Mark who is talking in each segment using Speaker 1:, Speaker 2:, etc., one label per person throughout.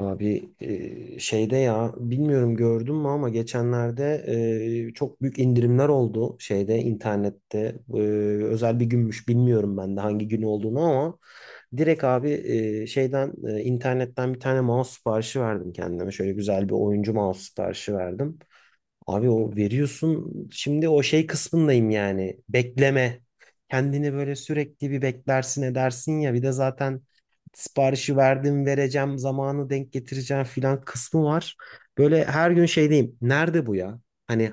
Speaker 1: Abi şeyde ya bilmiyorum gördün mü ama geçenlerde çok büyük indirimler oldu şeyde internette. Özel bir günmüş, bilmiyorum ben de hangi gün olduğunu, ama direkt abi şeyden internetten bir tane mouse siparişi verdim kendime, şöyle güzel bir oyuncu mouse siparişi verdim. Abi o veriyorsun, şimdi o şey kısmındayım yani. Bekleme. Kendini böyle sürekli bir beklersin edersin ya. Bir de zaten siparişi verdim, vereceğim, zamanı denk getireceğim filan kısmı var. Böyle her gün şeydeyim. Nerede bu ya? Hani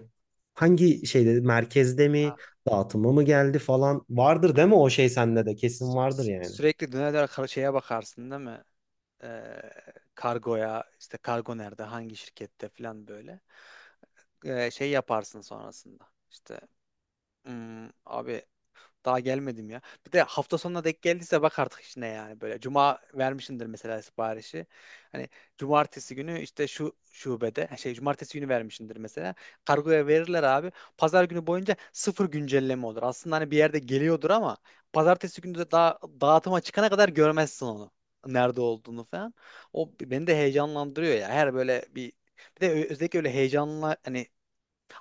Speaker 1: hangi şeyde, merkezde mi,
Speaker 2: Ha,
Speaker 1: dağıtıma mı geldi falan vardır değil mi, o şey sende de kesin vardır yani.
Speaker 2: sürekli döner döner şeye bakarsın değil mi? Ee, Kargoya işte kargo nerede hangi şirkette falan böyle. Şey yaparsın sonrasında. İşte "Hmm, abi daha gelmedim ya." Bir de hafta sonuna denk geldiyse bak artık işine yani böyle. Cuma vermişindir mesela siparişi. Hani cumartesi günü işte şu şubede şey cumartesi günü vermişindir mesela. Kargoya verirler abi. Pazar günü boyunca sıfır güncelleme olur. Aslında hani bir yerde geliyordur ama pazartesi günü de daha dağıtıma çıkana kadar görmezsin onu. Nerede olduğunu falan. O beni de heyecanlandırıyor ya. Her böyle bir de özellikle öyle heyecanla hani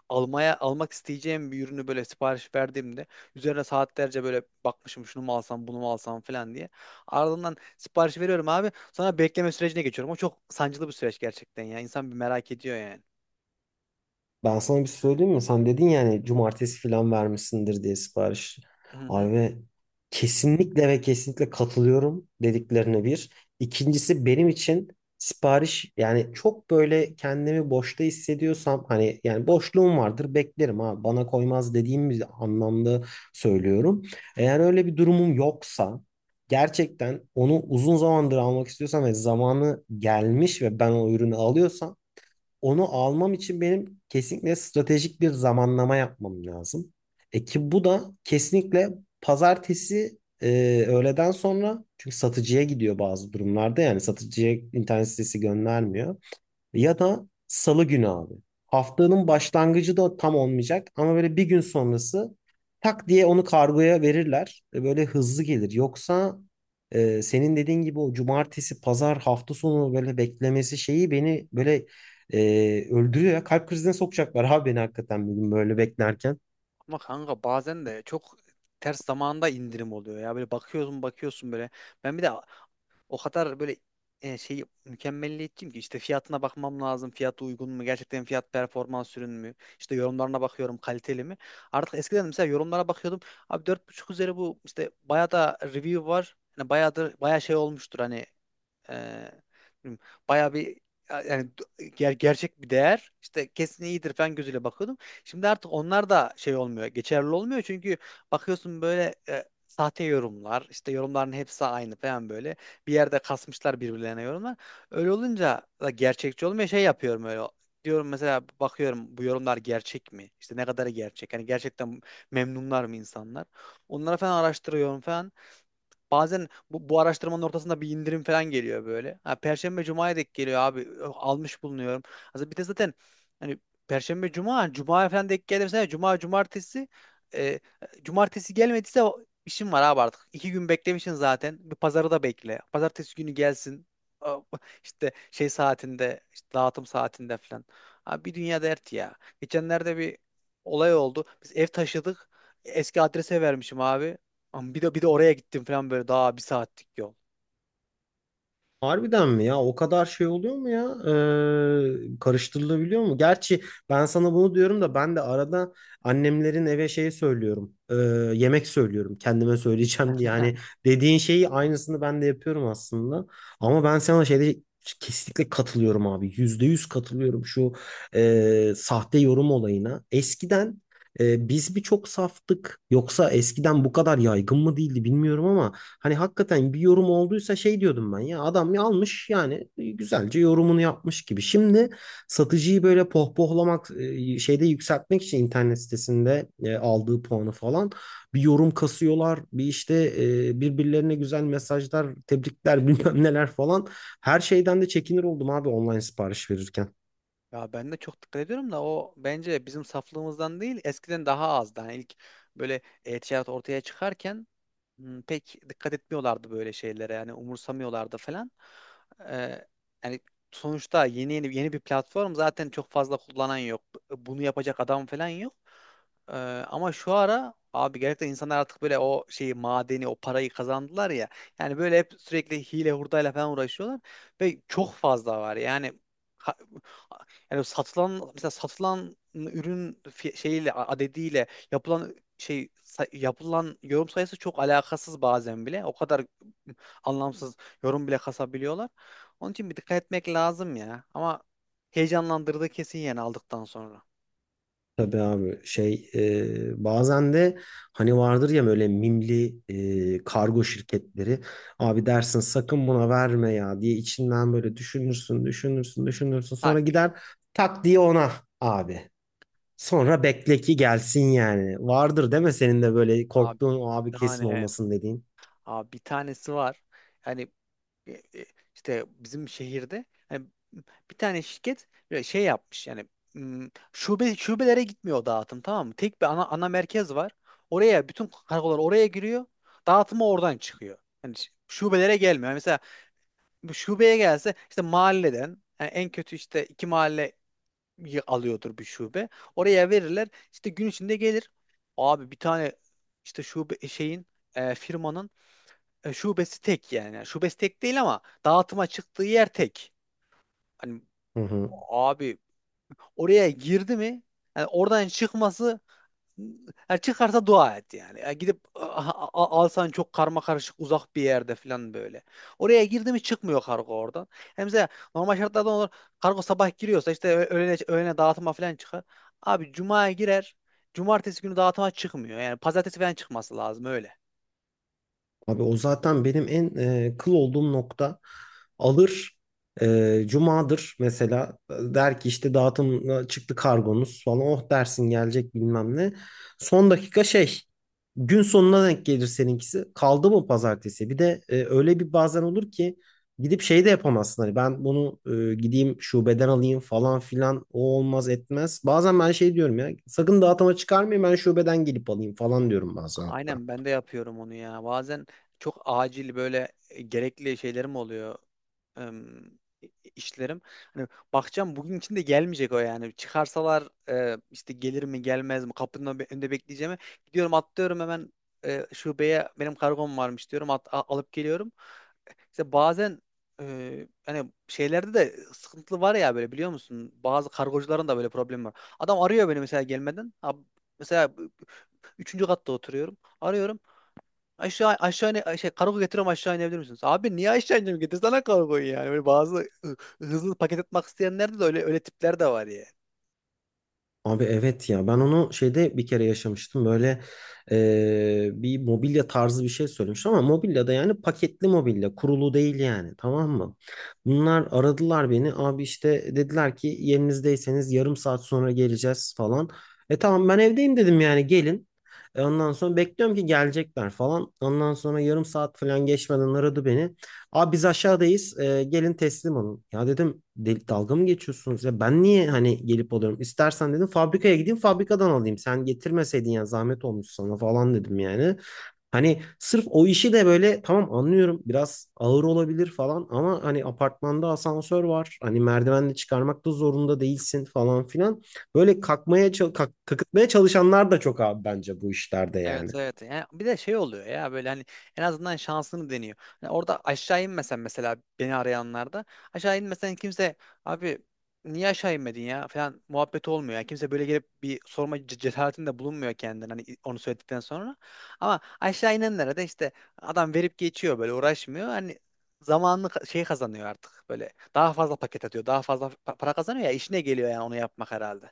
Speaker 2: almak isteyeceğim bir ürünü böyle sipariş verdiğimde üzerine saatlerce böyle bakmışım şunu mu alsam bunu mu alsam falan diye. Ardından sipariş veriyorum abi. Sonra bekleme sürecine geçiyorum. O çok sancılı bir süreç gerçekten ya. İnsan bir merak ediyor yani.
Speaker 1: Ben sana bir söyleyeyim mi? Sen dedin yani cumartesi falan vermişsindir diye sipariş.
Speaker 2: Hı hı.
Speaker 1: Abi kesinlikle ve kesinlikle katılıyorum dediklerine, bir. İkincisi, benim için sipariş yani, çok böyle kendimi boşta hissediyorsam, hani yani boşluğum vardır, beklerim, ha bana koymaz dediğim bir anlamda söylüyorum. Eğer öyle bir durumum yoksa, gerçekten onu uzun zamandır almak istiyorsam ve zamanı gelmiş ve ben o ürünü alıyorsam, onu almam için benim kesinlikle stratejik bir zamanlama yapmam lazım. E ki bu da kesinlikle pazartesi öğleden sonra, çünkü satıcıya gidiyor bazı durumlarda, yani satıcıya internet sitesi göndermiyor. Ya da salı günü abi. Haftanın başlangıcı da tam olmayacak ama böyle bir gün sonrası tak diye onu kargoya verirler. Böyle hızlı gelir. Yoksa senin dediğin gibi o cumartesi, pazar, hafta sonu böyle beklemesi şeyi beni böyle öldürüyor ya. Kalp krizine sokacaklar abi beni, hakikaten bir gün böyle beklerken.
Speaker 2: Ama kanka bazen de çok ters zamanda indirim oluyor ya. Böyle bakıyorsun bakıyorsun böyle. Ben bir de o kadar böyle şey mükemmelliyetçiyim ki işte fiyatına bakmam lazım. Fiyatı uygun mu? Gerçekten fiyat performans ürün mü? İşte yorumlarına bakıyorum, kaliteli mi? Artık eskiden mesela yorumlara bakıyordum. Abi 4.5 üzeri bu işte bayağı da review var. Hani bayağı da bayağı şey olmuştur hani ee, bilmiyorum, bayağı bir yani gerçek bir değer işte kesin iyidir falan gözüyle bakıyordum. Şimdi artık onlar da şey olmuyor, geçerli olmuyor çünkü bakıyorsun böyle sahte yorumlar, işte yorumların hepsi aynı falan böyle. Bir yerde kasmışlar birbirlerine yorumlar. Öyle olunca da gerçekçi olmuyor. Şey yapıyorum öyle. Diyorum mesela bakıyorum, bu yorumlar gerçek mi? İşte ne kadarı gerçek? Hani gerçekten memnunlar mı insanlar? Onlara falan araştırıyorum falan. Bazen bu araştırmanın ortasında bir indirim falan geliyor böyle. Ha, Perşembe Cuma'ya denk geliyor abi. Ö, almış bulunuyorum. Aslında bir de zaten hani Perşembe Cuma, Cuma falan denk gelirse Cuma Cumartesi, e, cumartesi gelmediyse işim var abi artık. İki gün beklemişsin zaten. Bir pazarı da bekle. Pazartesi günü gelsin. A- İşte şey saatinde, işte dağıtım saatinde falan. Abi bir dünya dert ya. Geçenlerde bir olay oldu. Biz ev taşıdık. Eski adrese vermişim abi. Ama bir de oraya gittim falan böyle, daha bir saatlik yol.
Speaker 1: Harbiden mi ya? O kadar şey oluyor mu ya? Karıştırılabiliyor mu? Gerçi ben sana bunu diyorum da, ben de arada annemlerin eve şeyi söylüyorum. Yemek söylüyorum, kendime söyleyeceğim diye. Yani dediğin şeyi, aynısını ben de yapıyorum aslında. Ama ben sana şeyde kesinlikle katılıyorum abi. Yüzde yüz katılıyorum şu sahte yorum olayına. Eskiden biz bir çok saftık. Yoksa eskiden bu kadar yaygın mı değildi bilmiyorum, ama hani hakikaten bir yorum olduysa şey diyordum ben, ya adam ya almış yani, güzelce yorumunu yapmış gibi. Şimdi satıcıyı böyle pohpohlamak, şeyde yükseltmek için internet sitesinde aldığı puanı falan, bir yorum kasıyorlar. Bir işte birbirlerine güzel mesajlar, tebrikler bilmem neler falan. Her şeyden de çekinir oldum abi, online sipariş verirken.
Speaker 2: Ya ben de çok dikkat ediyorum da o bence bizim saflığımızdan değil, eskiden daha azdı. Hani ilk böyle e-ticaret ortaya çıkarken pek dikkat etmiyorlardı böyle şeylere, yani umursamıyorlardı falan. Ee, Yani sonuçta yeni bir platform, zaten çok fazla kullanan yok. Bunu yapacak adam falan yok. Ee, Ama şu ara abi gerçekten insanlar artık böyle o şeyi madeni o parayı kazandılar ya. Yani böyle hep sürekli hile hurdayla falan uğraşıyorlar ve çok fazla var. Yani ha- yani satılan mesela satılan ürün şeyiyle adediyle yapılan yapılan yorum sayısı çok alakasız bazen bile. O kadar anlamsız yorum bile kasabiliyorlar. Onun için bir dikkat etmek lazım ya. Ama heyecanlandırdı kesin yani aldıktan sonra.
Speaker 1: Tabii abi şey, bazen de hani vardır ya böyle mimli kargo şirketleri, abi dersin sakın buna verme ya diye, içinden böyle düşünürsün,
Speaker 2: Tak.
Speaker 1: sonra gider tak diye ona, abi sonra bekle ki gelsin, yani vardır değil mi senin de böyle
Speaker 2: Abi
Speaker 1: korktuğun, o abi
Speaker 2: bir
Speaker 1: kesin
Speaker 2: tane,
Speaker 1: olmasın dediğin.
Speaker 2: abi bir tanesi var. Yani e, e, işte bizim şehirde hani bir tane şirket böyle şey yapmış yani şube şubelere gitmiyor o dağıtım, tamam mı? Tek bir ana merkez var. Bütün kargolar oraya giriyor. Dağıtımı oradan çıkıyor. Hani şubelere gelmiyor. Yani mesela bu şubeye gelse işte mahalleden, yani en kötü işte iki mahalle alıyordur bir şube. Oraya verirler. İşte gün içinde gelir. Abi bir tane işte şube e, şeyin e, firmanın e, şubesi tek yani. Yani şubesi tek değil ama dağıtıma çıktığı yer tek. Hani
Speaker 1: Hı hı.
Speaker 2: abi oraya girdi mi, yani oradan çıkması, çıkarsa dua et yani. Yani gidip alsan çok karma karışık uzak bir yerde falan böyle. Oraya girdi mi çıkmıyor kargo oradan. Yani mesela normal şartlarda olur, kargo sabah giriyorsa işte öğlene dağıtıma falan çıkar. Abi cumaya girer. Cumartesi günü dağıtıma çıkmıyor. Yani pazartesi falan çıkması lazım öyle.
Speaker 1: Abi o zaten benim en kıl olduğum nokta, alır, cumadır mesela, der ki işte dağıtım çıktı kargonuz falan, oh dersin gelecek bilmem ne. Son dakika şey, gün sonuna denk gelir seninkisi, kaldı mı pazartesi, bir de öyle bir bazen olur ki gidip şey de yapamazsın, hani ben bunu gideyim şubeden alayım falan filan, o olmaz etmez. Bazen ben şey diyorum ya, sakın dağıtıma çıkarmayın, ben şubeden gelip alayım falan diyorum bazen hatta.
Speaker 2: Aynen ben de yapıyorum onu ya. Bazen çok acil böyle gerekli şeylerim oluyor. em, işlerim. Hani bakacağım bugün içinde gelmeyecek o yani. Çıkarsalar işte gelir mi gelmez mi, kapının önünde bekleyeceğimi gidiyorum atlıyorum hemen şubeye, benim kargom varmış diyorum, alıp geliyorum. İşte bazen hani şeylerde de sıkıntılı var ya böyle, biliyor musun? Bazı kargocuların da böyle problemi var. Adam arıyor beni mesela gelmeden. Mesela üçüncü katta oturuyorum. Arıyorum. Aşağı, ne şey kargo getiriyorum, aşağı inebilir misiniz? Abi niye aşağı ineceğim? Getirsene kargoyu yani. Böyle bazı hızlı paket atmak isteyenlerde de öyle öyle tipler de var ya.
Speaker 1: Abi evet ya, ben onu şeyde bir kere yaşamıştım böyle. Bir mobilya tarzı bir şey söylemiştim, ama mobilya da yani, paketli mobilya, kurulu değil yani, tamam mı? Bunlar aradılar beni abi, işte dediler ki yerinizdeyseniz yarım saat sonra geleceğiz falan. E tamam ben evdeyim dedim yani, gelin. Ondan sonra bekliyorum ki gelecekler falan. Ondan sonra yarım saat falan geçmeden aradı beni. Abi biz aşağıdayız, gelin teslim olun. Ya dedim, "Del- dalga mı geçiyorsunuz ya? Ben niye hani gelip alıyorum? İstersen dedim fabrikaya gideyim, fabrikadan alayım. Sen getirmeseydin ya, zahmet olmuş sana" falan dedim yani. Hani sırf o işi de böyle, tamam anlıyorum biraz ağır olabilir falan, ama hani apartmanda asansör var. Hani merdivenle çıkarmak da zorunda değilsin falan filan. Böyle kakıtmaya çalışanlar da çok abi, bence bu işlerde yani.
Speaker 2: Evet, evet. Yani bir de şey oluyor ya böyle hani en azından şansını deniyor. Hani orada aşağı inmesen, mesela beni arayanlarda aşağı inmesen, kimse abi niye aşağı inmedin ya falan muhabbet olmuyor. Yani kimse böyle gelip bir sorma cesaretinde bulunmuyor kendine, hani onu söyledikten sonra. Ama aşağı inenlere de işte adam verip geçiyor, böyle uğraşmıyor. Hani zamanını şey kazanıyor artık, böyle daha fazla paket atıyor, daha fazla para kazanıyor ya, işine geliyor yani onu yapmak herhalde.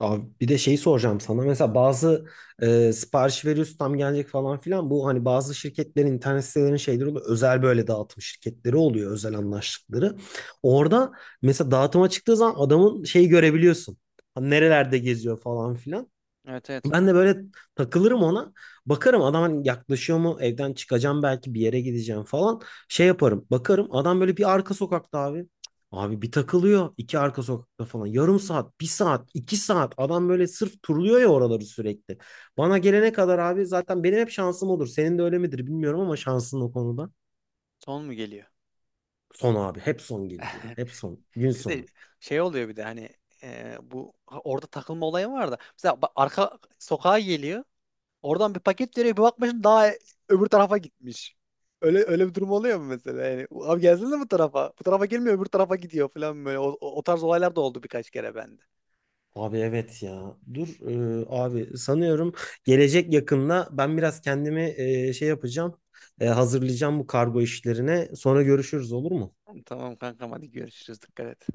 Speaker 1: Abi bir de şeyi soracağım sana. Mesela bazı sipariş veriyorsun, tam gelecek falan filan. Bu hani bazı şirketlerin internet sitelerinin şeyleri oluyor, özel böyle dağıtım şirketleri oluyor, özel anlaştıkları. Orada mesela dağıtıma çıktığı zaman adamın şeyi görebiliyorsun. Hani nerelerde geziyor falan filan.
Speaker 2: Evet, evet.
Speaker 1: Ben de böyle takılırım ona. Bakarım adam hani yaklaşıyor mu? Evden çıkacağım, belki bir yere gideceğim falan. Şey yaparım, bakarım adam böyle bir arka sokakta abi. Abi bir takılıyor, iki arka sokakta falan. Yarım saat, bir saat, iki saat. Adam böyle sırf turluyor ya oraları sürekli. Bana gelene kadar abi, zaten benim hep şansım olur. Senin de öyle midir bilmiyorum ama, şansın o konuda.
Speaker 2: Son mu geliyor?
Speaker 1: Son abi. Hep son gelir ya. Hep son. Gün
Speaker 2: Bizde
Speaker 1: sonu.
Speaker 2: şey oluyor bir de hani orada takılma olayı var da. Mesela bak, arka sokağa geliyor. Oradan bir paket veriyor. Bir bakmışsın daha öbür tarafa gitmiş. Öyle öyle bir durum oluyor mu mesela? Yani abi gelsene bu tarafa. Bu tarafa gelmiyor, öbür tarafa gidiyor falan böyle. O tarz olaylar da oldu birkaç kere bende.
Speaker 1: Abi evet ya. Dur, abi sanıyorum gelecek yakında, ben biraz kendimi şey yapacağım. Hazırlayacağım bu kargo işlerine. Sonra görüşürüz, olur mu?
Speaker 2: Tamam kankam, hadi görüşürüz. Dikkat et.